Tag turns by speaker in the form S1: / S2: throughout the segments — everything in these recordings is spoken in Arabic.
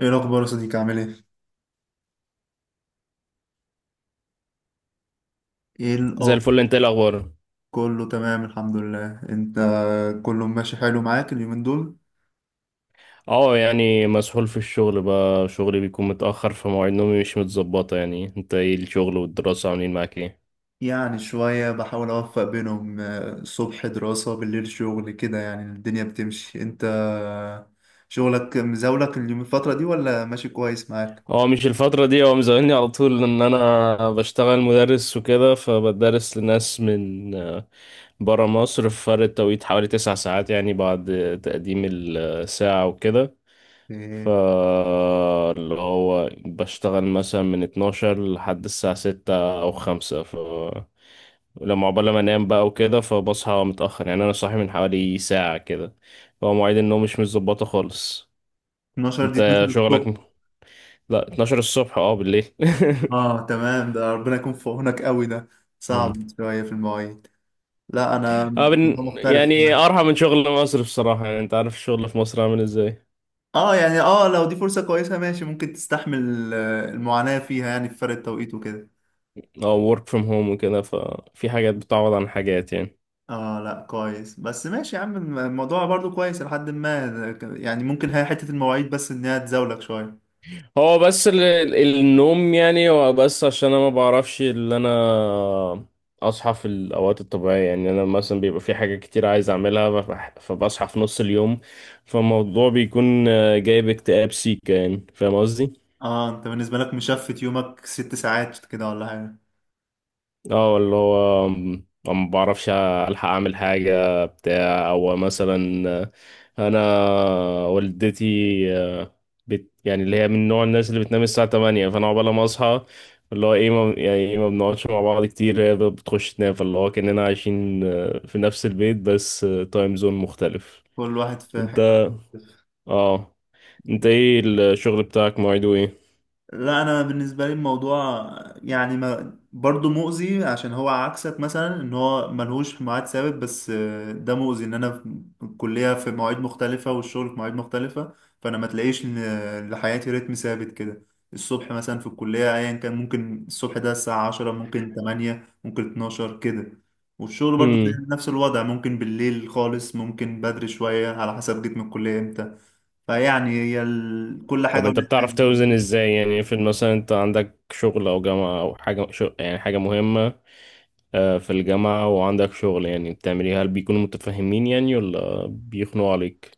S1: ايه الاخبار يا صديقي، عامل ايه؟ ايه
S2: زي
S1: الاخبار؟
S2: الفل. انت ايه الاخبار؟
S1: كله تمام الحمد لله، انت؟ كله ماشي حلو معاك اليومين دول؟
S2: اه يعني مسحول في الشغل بقى، شغلي بيكون متاخر فمواعيد نومي مش متظبطه. يعني انت ايه الشغل والدراسه عاملين معاك ايه؟
S1: يعني شوية بحاول اوفق بينهم، الصبح دراسة بالليل شغل، كده يعني الدنيا بتمشي. انت شغلك مزاولك اليوم الفترة دي ولا ماشي كويس معاك؟
S2: هو مش الفتره دي، هو مزعلني على طول ان انا بشتغل مدرس وكده، فبدرس لناس من برا مصر، في فرق توقيت حوالي تسع ساعات يعني، بعد تقديم الساعه وكده.
S1: إيه،
S2: فاللي هو بشتغل مثلا من 12 لحد الساعة 6 أو 5، ف لما عقبال ما انام بقى وكده فبصحى متأخر. يعني أنا صاحي من حوالي ساعة كده، فهو مواعيد النوم مش متظبطة خالص.
S1: 12 دي
S2: أنت
S1: 12
S2: شغلك؟
S1: الصبح؟
S2: لا، 12 الصبح اه بالليل.
S1: اه تمام، ده ربنا يكون في عونك قوي، ده
S2: مم.
S1: صعب شوية في المواعيد. لا انا
S2: اه
S1: الموضوع مختلف.
S2: يعني أرحم من شغل مصر بصراحة. يعني أنت عارف الشغل في مصر عامل ازاي.
S1: اه يعني اه لو دي فرصة كويسة ماشي، ممكن تستحمل المعاناة فيها، يعني في فرق التوقيت وكده.
S2: اه work from home وكده، ففي حاجات بتعوض عن حاجات يعني.
S1: اه لا كويس، بس ماشي يا عم، الموضوع برضو كويس لحد ما يعني، ممكن هي حتة المواعيد بس انها تزاولك شوية.
S2: هو بس النوم، يعني هو بس عشان انا ما بعرفش اللي انا اصحى في الاوقات الطبيعيه. يعني انا مثلا بيبقى في حاجه كتير عايز اعملها، فبصحى في نص اليوم، فالموضوع بيكون جايب اكتئاب سيكا، يعني فاهم قصدي.
S1: اه انت بالنسبة لك مشفت يومك ست ساعات كده ولا حاجة؟
S2: اه اللي هو ما بعرفش الحق اعمل حاجه بتاع، او مثلا انا والدتي، آه، بت يعني اللي هي من نوع الناس اللي بتنام الساعه 8، فانا عقبال ما اصحى اللي هو ايه ما، يعني ايه، ما بنقعدش مع بعض كتير. هي بتخش تنام، فاللي هو كاننا عايشين في نفس البيت بس تايم زون مختلف.
S1: كل واحد في
S2: انت،
S1: حتة.
S2: اه، انت ايه الشغل بتاعك مواعيده
S1: لا انا بالنسبه لي الموضوع يعني ما برضه مؤذي، عشان هو عكسك مثلا ان هو ملهوش ميعاد ثابت، بس ده مؤذي ان انا في الكليه في مواعيد مختلفه والشغل في مواعيد مختلفه، فانا ما تلاقيش إن لحياتي رتم ثابت كده. الصبح مثلا في الكليه ايا كان ممكن الصبح ده الساعه 10، ممكن 8، ممكن 12 كده. والشغل برضه زي
S2: ايه؟
S1: نفس الوضع، ممكن بالليل خالص، ممكن بدري شويه، على حسب جيت من الكليه امتى. فيعني هي كل
S2: طب
S1: حاجه
S2: انت
S1: ولها حاجه.
S2: بتعرف توزن ازاي؟ يعني افرض مثلا انت عندك شغل او جامعة او حاجة يعني حاجة مهمة في الجامعة، وعندك شغل يعني بتعمليها، هل بيكونوا متفاهمين يعني ولا بيخنقوا عليك؟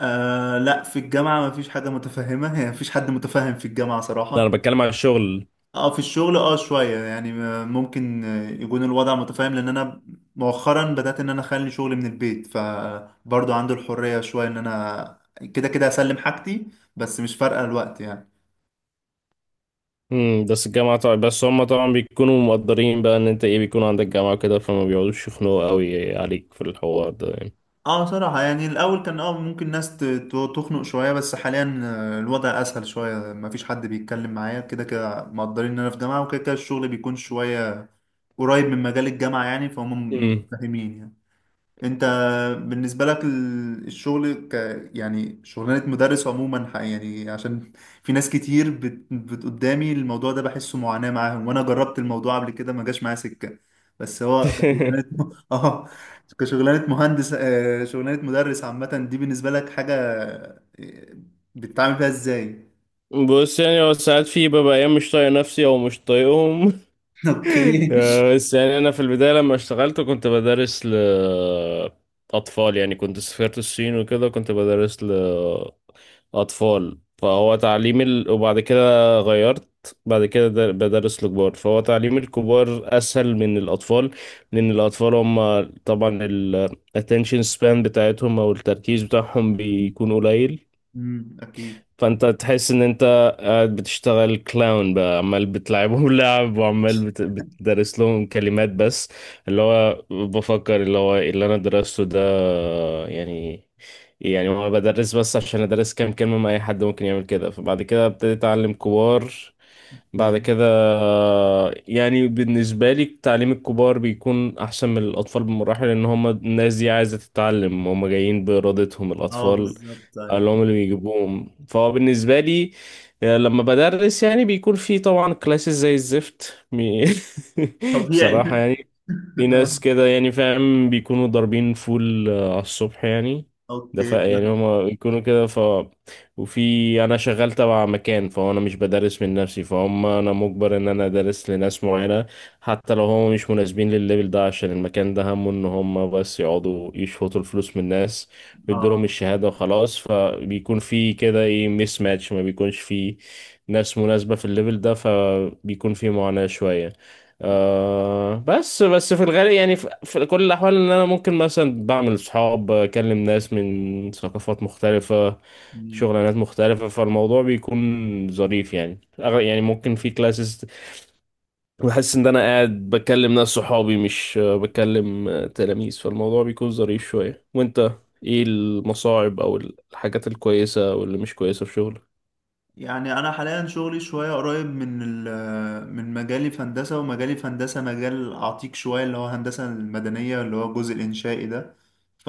S1: آه لا في الجامعة ما فيش حاجة متفهمة، يعني ما فيش حد متفهم في الجامعة
S2: لا، انا
S1: صراحة.
S2: بتكلم على الشغل.
S1: اه في الشغل اه شوية يعني ممكن يكون الوضع متفاهم، لان انا مؤخرا بدأت ان انا اخلي شغلي من البيت، فبرضه عنده الحرية شوية ان انا كده كده اسلم حاجتي، بس مش فارقة الوقت يعني.
S2: امم، بس الجامعة طبعا، بس هم طبعا بيكونوا مقدرين بقى ان انت ايه بيكون عندك جامعة كده، فما بيقعدوش يخنقوا قوي عليك في الحوار ده يعني.
S1: اه صراحة يعني الأول كان اه ممكن ناس تخنق شوية، بس حاليا الوضع أسهل شوية، مفيش حد بيتكلم معايا، كده كده مقدرين إن أنا في جامعة، وكده كده الشغل بيكون شوية قريب من مجال الجامعة يعني فهم
S2: امم.
S1: متفاهمين يعني. انت بالنسبه لك الشغل ك يعني شغلانه مدرس عموما يعني عشان في ناس كتير قدامي الموضوع ده بحسه معاناه معاهم، وانا جربت الموضوع قبل كده ما جاش معايا سكه. بس هو كشغلانه اه، كشغلانه مهندس، شغلانه مدرس عامه دي بالنسبه لك حاجه آه، بتتعامل فيها ازاي؟
S2: بص، يعني هو ساعات في ببقى ايام مش طايق نفسي او مش طايقهم.
S1: اوكي.
S2: بس يعني انا في البدايه لما اشتغلت كنت بدرس لاطفال، يعني كنت سافرت الصين وكده، كنت بدرس لاطفال، فهو تعليم وبعد كده غيرت، بعد كده بدرس لكبار، فهو تعليم الكبار اسهل من الاطفال، لان الاطفال هم طبعا ال attention span بتاعتهم او التركيز بتاعهم بيكون قليل.
S1: اكيد.
S2: فانت تحس ان انت قاعد بتشتغل كلاون بقى، عمال بتلعبهم لعب، وعمال بتدرس لهم كلمات بس، اللي هو بفكر اللي هو إيه اللي انا درسته ده يعني. يعني هو بدرس بس عشان ادرس كام كلمة، ما اي حد ممكن يعمل كده، فبعد كده ابتديت اتعلم كبار بعد
S1: فاهم.
S2: كده. يعني بالنسبة لي تعليم الكبار بيكون أحسن من الأطفال بمراحل، لأن هم الناس دي عايزة تتعلم، هم جايين بإرادتهم.
S1: اه
S2: الأطفال
S1: بالظبط طيب.
S2: اللي هم اللي بيجيبوهم. فهو بالنسبة لي لما بدرس يعني بيكون في طبعا كلاسز زي الزفت،
S1: طبيعي
S2: بصراحة يعني. في ناس كده يعني فاهم بيكونوا ضاربين فول على الصبح يعني. ده ف
S1: اوكي
S2: يعني
S1: فاهمك.
S2: هما بيكونوا كده ف، وفي انا شغال تبع مكان، فانا مش بدرس من نفسي، فهم انا مجبر ان انا ادرس لناس معينة، حتى لو هم مش مناسبين للليفل ده، عشان المكان ده همه ان هم بس يقعدوا يشفطوا الفلوس من الناس ويدوا لهم
S1: اه
S2: الشهادة وخلاص. فبيكون في كده ايه ميس ماتش، ما بيكونش في ناس مناسبة في الليفل ده، فبيكون في معاناة شوية. آه، بس بس في الغالب يعني، في كل الأحوال، إن أنا ممكن مثلا بعمل صحاب، أكلم ناس من ثقافات مختلفة، شغلانات مختلفة، فالموضوع بيكون ظريف. يعني يعني ممكن في كلاسز بحس إن أنا قاعد بكلم ناس صحابي، مش بكلم تلاميذ، فالموضوع بيكون ظريف شوية. وأنت إيه المصاعب أو الحاجات الكويسة واللي مش كويسة في شغلك؟
S1: يعني انا حاليا شغلي شويه قريب من من مجالي في هندسه، ومجالي في هندسه مجال عتيق شويه اللي هو هندسه المدنيه، اللي هو الجزء الانشائي ده، ف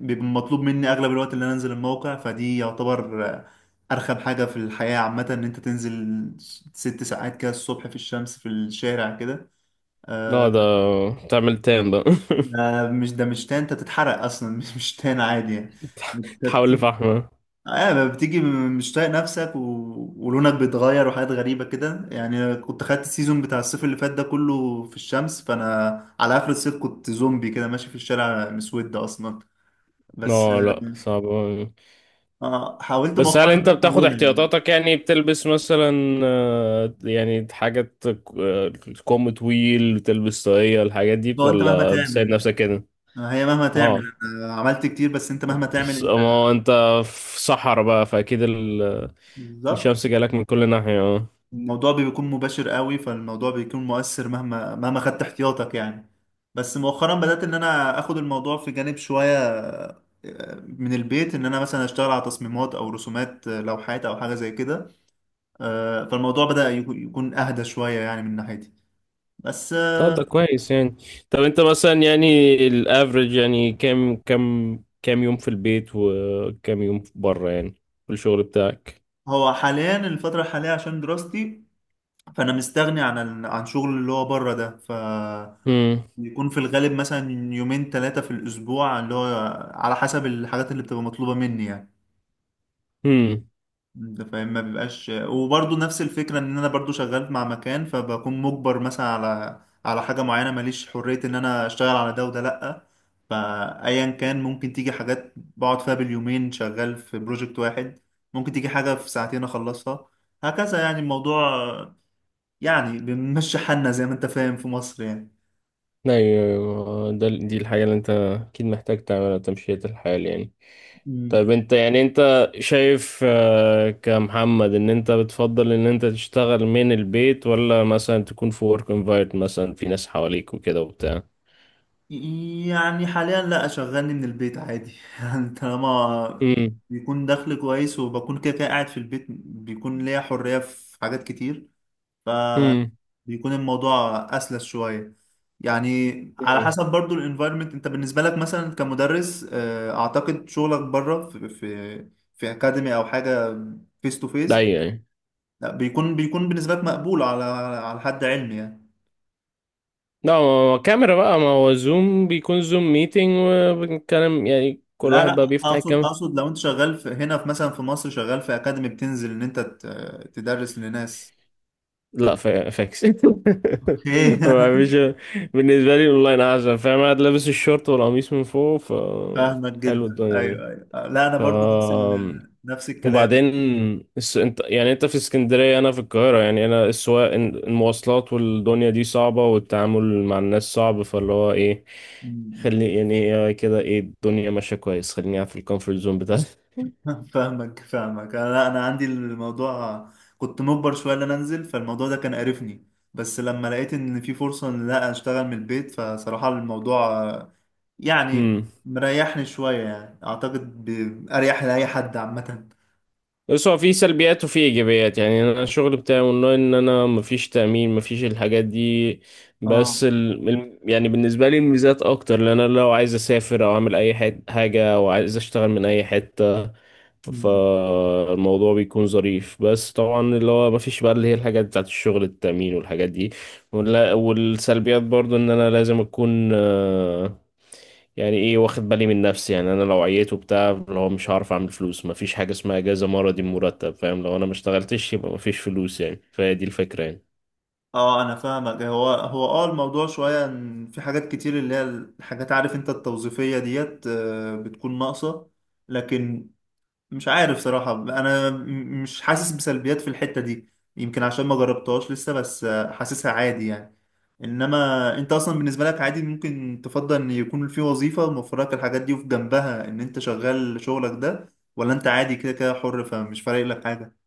S1: بيبقى مطلوب مني اغلب الوقت اللي انا انزل الموقع، فدي يعتبر ارخم حاجه في الحياه عامه، ان انت تنزل ست ساعات كده الصبح في الشمس في الشارع كده.
S2: لا
S1: آه،
S2: ده تعمل تام بقى.
S1: ده مش تان، انت تتحرق اصلا مش تان عادي يعني. انت
S2: تحاول لفحمة.
S1: اه ما بتيجي مش طايق نفسك ولونك بيتغير وحاجات غريبة كده يعني. كنت خدت السيزون بتاع الصيف اللي فات ده كله في الشمس، فأنا على آخر الصيف كنت زومبي كده ماشي في الشارع مسود أصلا. بس
S2: لا لا،
S1: آه
S2: صعب.
S1: حاولت
S2: بس هل انت
S1: مؤخرا
S2: بتاخد
S1: أحولها يعني.
S2: احتياطاتك؟ يعني بتلبس مثلا يعني حاجات آه، كم طويل، بتلبس طاقية، الحاجات دي،
S1: هو أنت مهما
S2: ولا بتساعد
S1: تعمل،
S2: نفسك كده؟
S1: هي مهما تعمل،
S2: اه،
S1: أنا عملت كتير، بس أنت مهما تعمل
S2: بس ما
S1: أنت
S2: هو انت في صحرا بقى، فاكيد
S1: بالظبط.
S2: الشمس جالك من كل ناحية، اه.
S1: الموضوع بيكون مباشر قوي، فالموضوع بيكون مؤثر مهما مهما خدت احتياطك يعني. بس مؤخرا بدأت ان انا اخد الموضوع في جانب شوية من البيت، ان انا مثلا اشتغل على تصميمات او رسومات لوحات او حاجة زي كده. فالموضوع بدأ يكون اهدى شوية يعني من ناحيتي. بس
S2: طب ده كويس يعني. طب انت مثلا، يعني الافريج يعني، كام يوم في البيت وكام يوم بره يعني في الشغل بتاعك؟
S1: هو حاليا الفترة الحالية عشان دراستي، فانا مستغني عن عن شغل اللي هو بره ده، ف بيكون في الغالب مثلا يومين ثلاثة في الأسبوع، اللي هو على حسب الحاجات اللي بتبقى مطلوبة مني يعني.
S2: امم.
S1: انت فاهم ما بيبقاش، وبرضه نفس الفكره ان انا برضه شغال مع مكان، فبكون مجبر مثلا على حاجه معينه، ماليش حريه ان انا اشتغل على ده وده لا. فايا كان ممكن تيجي حاجات بقعد فيها باليومين شغال في بروجكت واحد، ممكن تيجي حاجه في ساعتين اخلصها، هكذا يعني الموضوع. يعني بنمشي حالنا زي ما انت فاهم في مصر
S2: ايوه. أيوة. ده دي الحاجة اللي انت اكيد محتاج تعملها، تمشية الحال يعني.
S1: يعني.
S2: طيب انت يعني، انت شايف كمحمد ان انت بتفضل ان انت تشتغل من البيت، ولا مثلا تكون في ورك انفايرمنت، مثلا في ناس حواليك وكده وبتاع؟
S1: يعني حاليا لا شغلني من البيت عادي يعني طالما
S2: امم
S1: بيكون دخل كويس، وبكون كده كده قاعد في البيت، بيكون ليا حرية في حاجات كتير،
S2: امم
S1: فبيكون الموضوع أسلس شوية يعني. على
S2: امم
S1: حسب برضو الانفايرمنت. انت بالنسبة لك مثلا كمدرس، اعتقد شغلك بره في في اكاديمي او حاجة فيس تو
S2: ده
S1: فيس.
S2: يعني،
S1: لا بيكون بالنسبة لك مقبول على حد علمي يعني.
S2: لا ما هو كاميرا بقى، ما هو زوم، بيكون زوم ميتنج وبنتكلم، يعني كل
S1: لا لا،
S2: واحد بقى بيفتح.
S1: اقصد لو انت شغال في هنا في مثلا في مصر، شغال في اكاديمي بتنزل ان انت تدرس لناس.
S2: لا فاكس.
S1: اوكي
S2: هو مش، بالنسبة لي اونلاين احسن، فاهم؟ قاعد لابس الشورت والقميص من فوق، ف
S1: فاهمك
S2: حلو
S1: جدا،
S2: الدنيا دي.
S1: ايوه ايوه، لا انا
S2: ف
S1: برضو نفس نفس الكلام.
S2: وبعدين انت يعني انت في اسكندرية انا في القاهرة، يعني انا السواق المواصلات والدنيا دي صعبة، والتعامل مع الناس صعب، فاللي هو ايه
S1: م-
S2: خلي يعني، إيه كده، ايه الدنيا ماشية كويس، خليني قاعد في الكومفورت زون بتاعتي.
S1: م. فاهمك فاهمك، انا عندي الموضوع، كنت مجبر شويه ان انا انزل، فالموضوع ده كان قرفني. بس لما لقيت ان في فرصه ان لا اشتغل من البيت، فصراحه الموضوع يعني
S2: امم.
S1: مريحني شويه يعني، اعتقد اريح لاي حد عامه.
S2: بس هو في سلبيات وفي ايجابيات، يعني انا الشغل بتاعي اونلاين، ان انا مفيش تأمين، مفيش الحاجات دي.
S1: اه
S2: بس يعني بالنسبة لي الميزات اكتر، لان انا لو عايز اسافر او اعمل اي حاجة، او عايز اشتغل من اي حتة، فالموضوع بيكون ظريف. بس طبعا اللي هو مفيش بقى اللي هي الحاجات بتاعت الشغل، التأمين والحاجات دي. والسلبيات برضو ان انا لازم اكون يعني ايه واخد بالي من نفسي، يعني انا لو عييت وبتاع اللي هو مش هعرف اعمل فلوس، مفيش حاجه اسمها اجازه مرضي مرتب، فاهم؟ لو انا ما اشتغلتش يبقى مفيش فلوس يعني، فهي دي الفكره يعني.
S1: اه انا فاهمك. هو هو اه الموضوع شويه ان في حاجات كتير، اللي هي الحاجات عارف انت التوظيفيه ديت، بتكون ناقصه. لكن مش عارف صراحه انا مش حاسس بسلبيات في الحته دي، يمكن عشان ما جربتهاش لسه، بس حاسسها عادي يعني. انما انت اصلا بالنسبه لك عادي، ممكن تفضل ان يكون في وظيفه موفر لك الحاجات دي وفي جنبها ان انت شغال شغلك ده، ولا انت عادي كده كده حر فمش فارق لك حاجه؟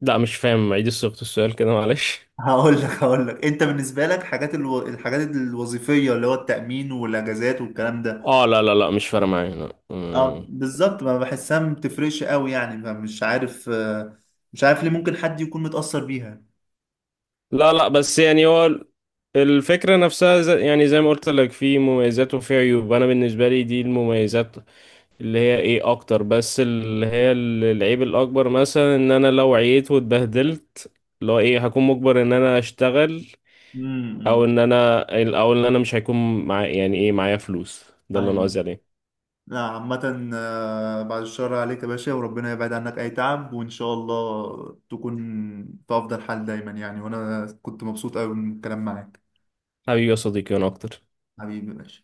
S2: لا مش فاهم، عيد صياغه السؤال كده معلش.
S1: هقول لك انت بالنسبه لك حاجات الحاجات الوظيفيه اللي هو التامين والاجازات والكلام ده.
S2: اه لا لا لا، مش فارقه معايا، لا.
S1: اه
S2: أمم.
S1: بالظبط ما بحسها، ما بتفرقش قوي يعني، فمش عارف مش عارف ليه ممكن حد يكون متاثر بيها.
S2: لا لا، بس يعني هو الفكره نفسها يعني زي ما قلت لك، في مميزات وفي عيوب، انا بالنسبه لي دي المميزات اللي هي ايه اكتر. بس اللي هي العيب الاكبر مثلا ان انا لو عييت واتبهدلت، اللي هو ايه هكون مجبر ان انا اشتغل، او
S1: امم
S2: ان انا، او ان انا مش هيكون مع، يعني ايه، معايا فلوس. ده اللي انا قصدي
S1: ايوه.
S2: عليه.
S1: لا عامه بعد الشر عليك يا باشا، وربنا يبعد عنك اي تعب، وان شاء الله تكون في افضل حال دايما يعني، وانا كنت مبسوط قوي من الكلام معاك.
S2: حبيبي يا صديقي انا اكتر.
S1: حبيبي يا باشا.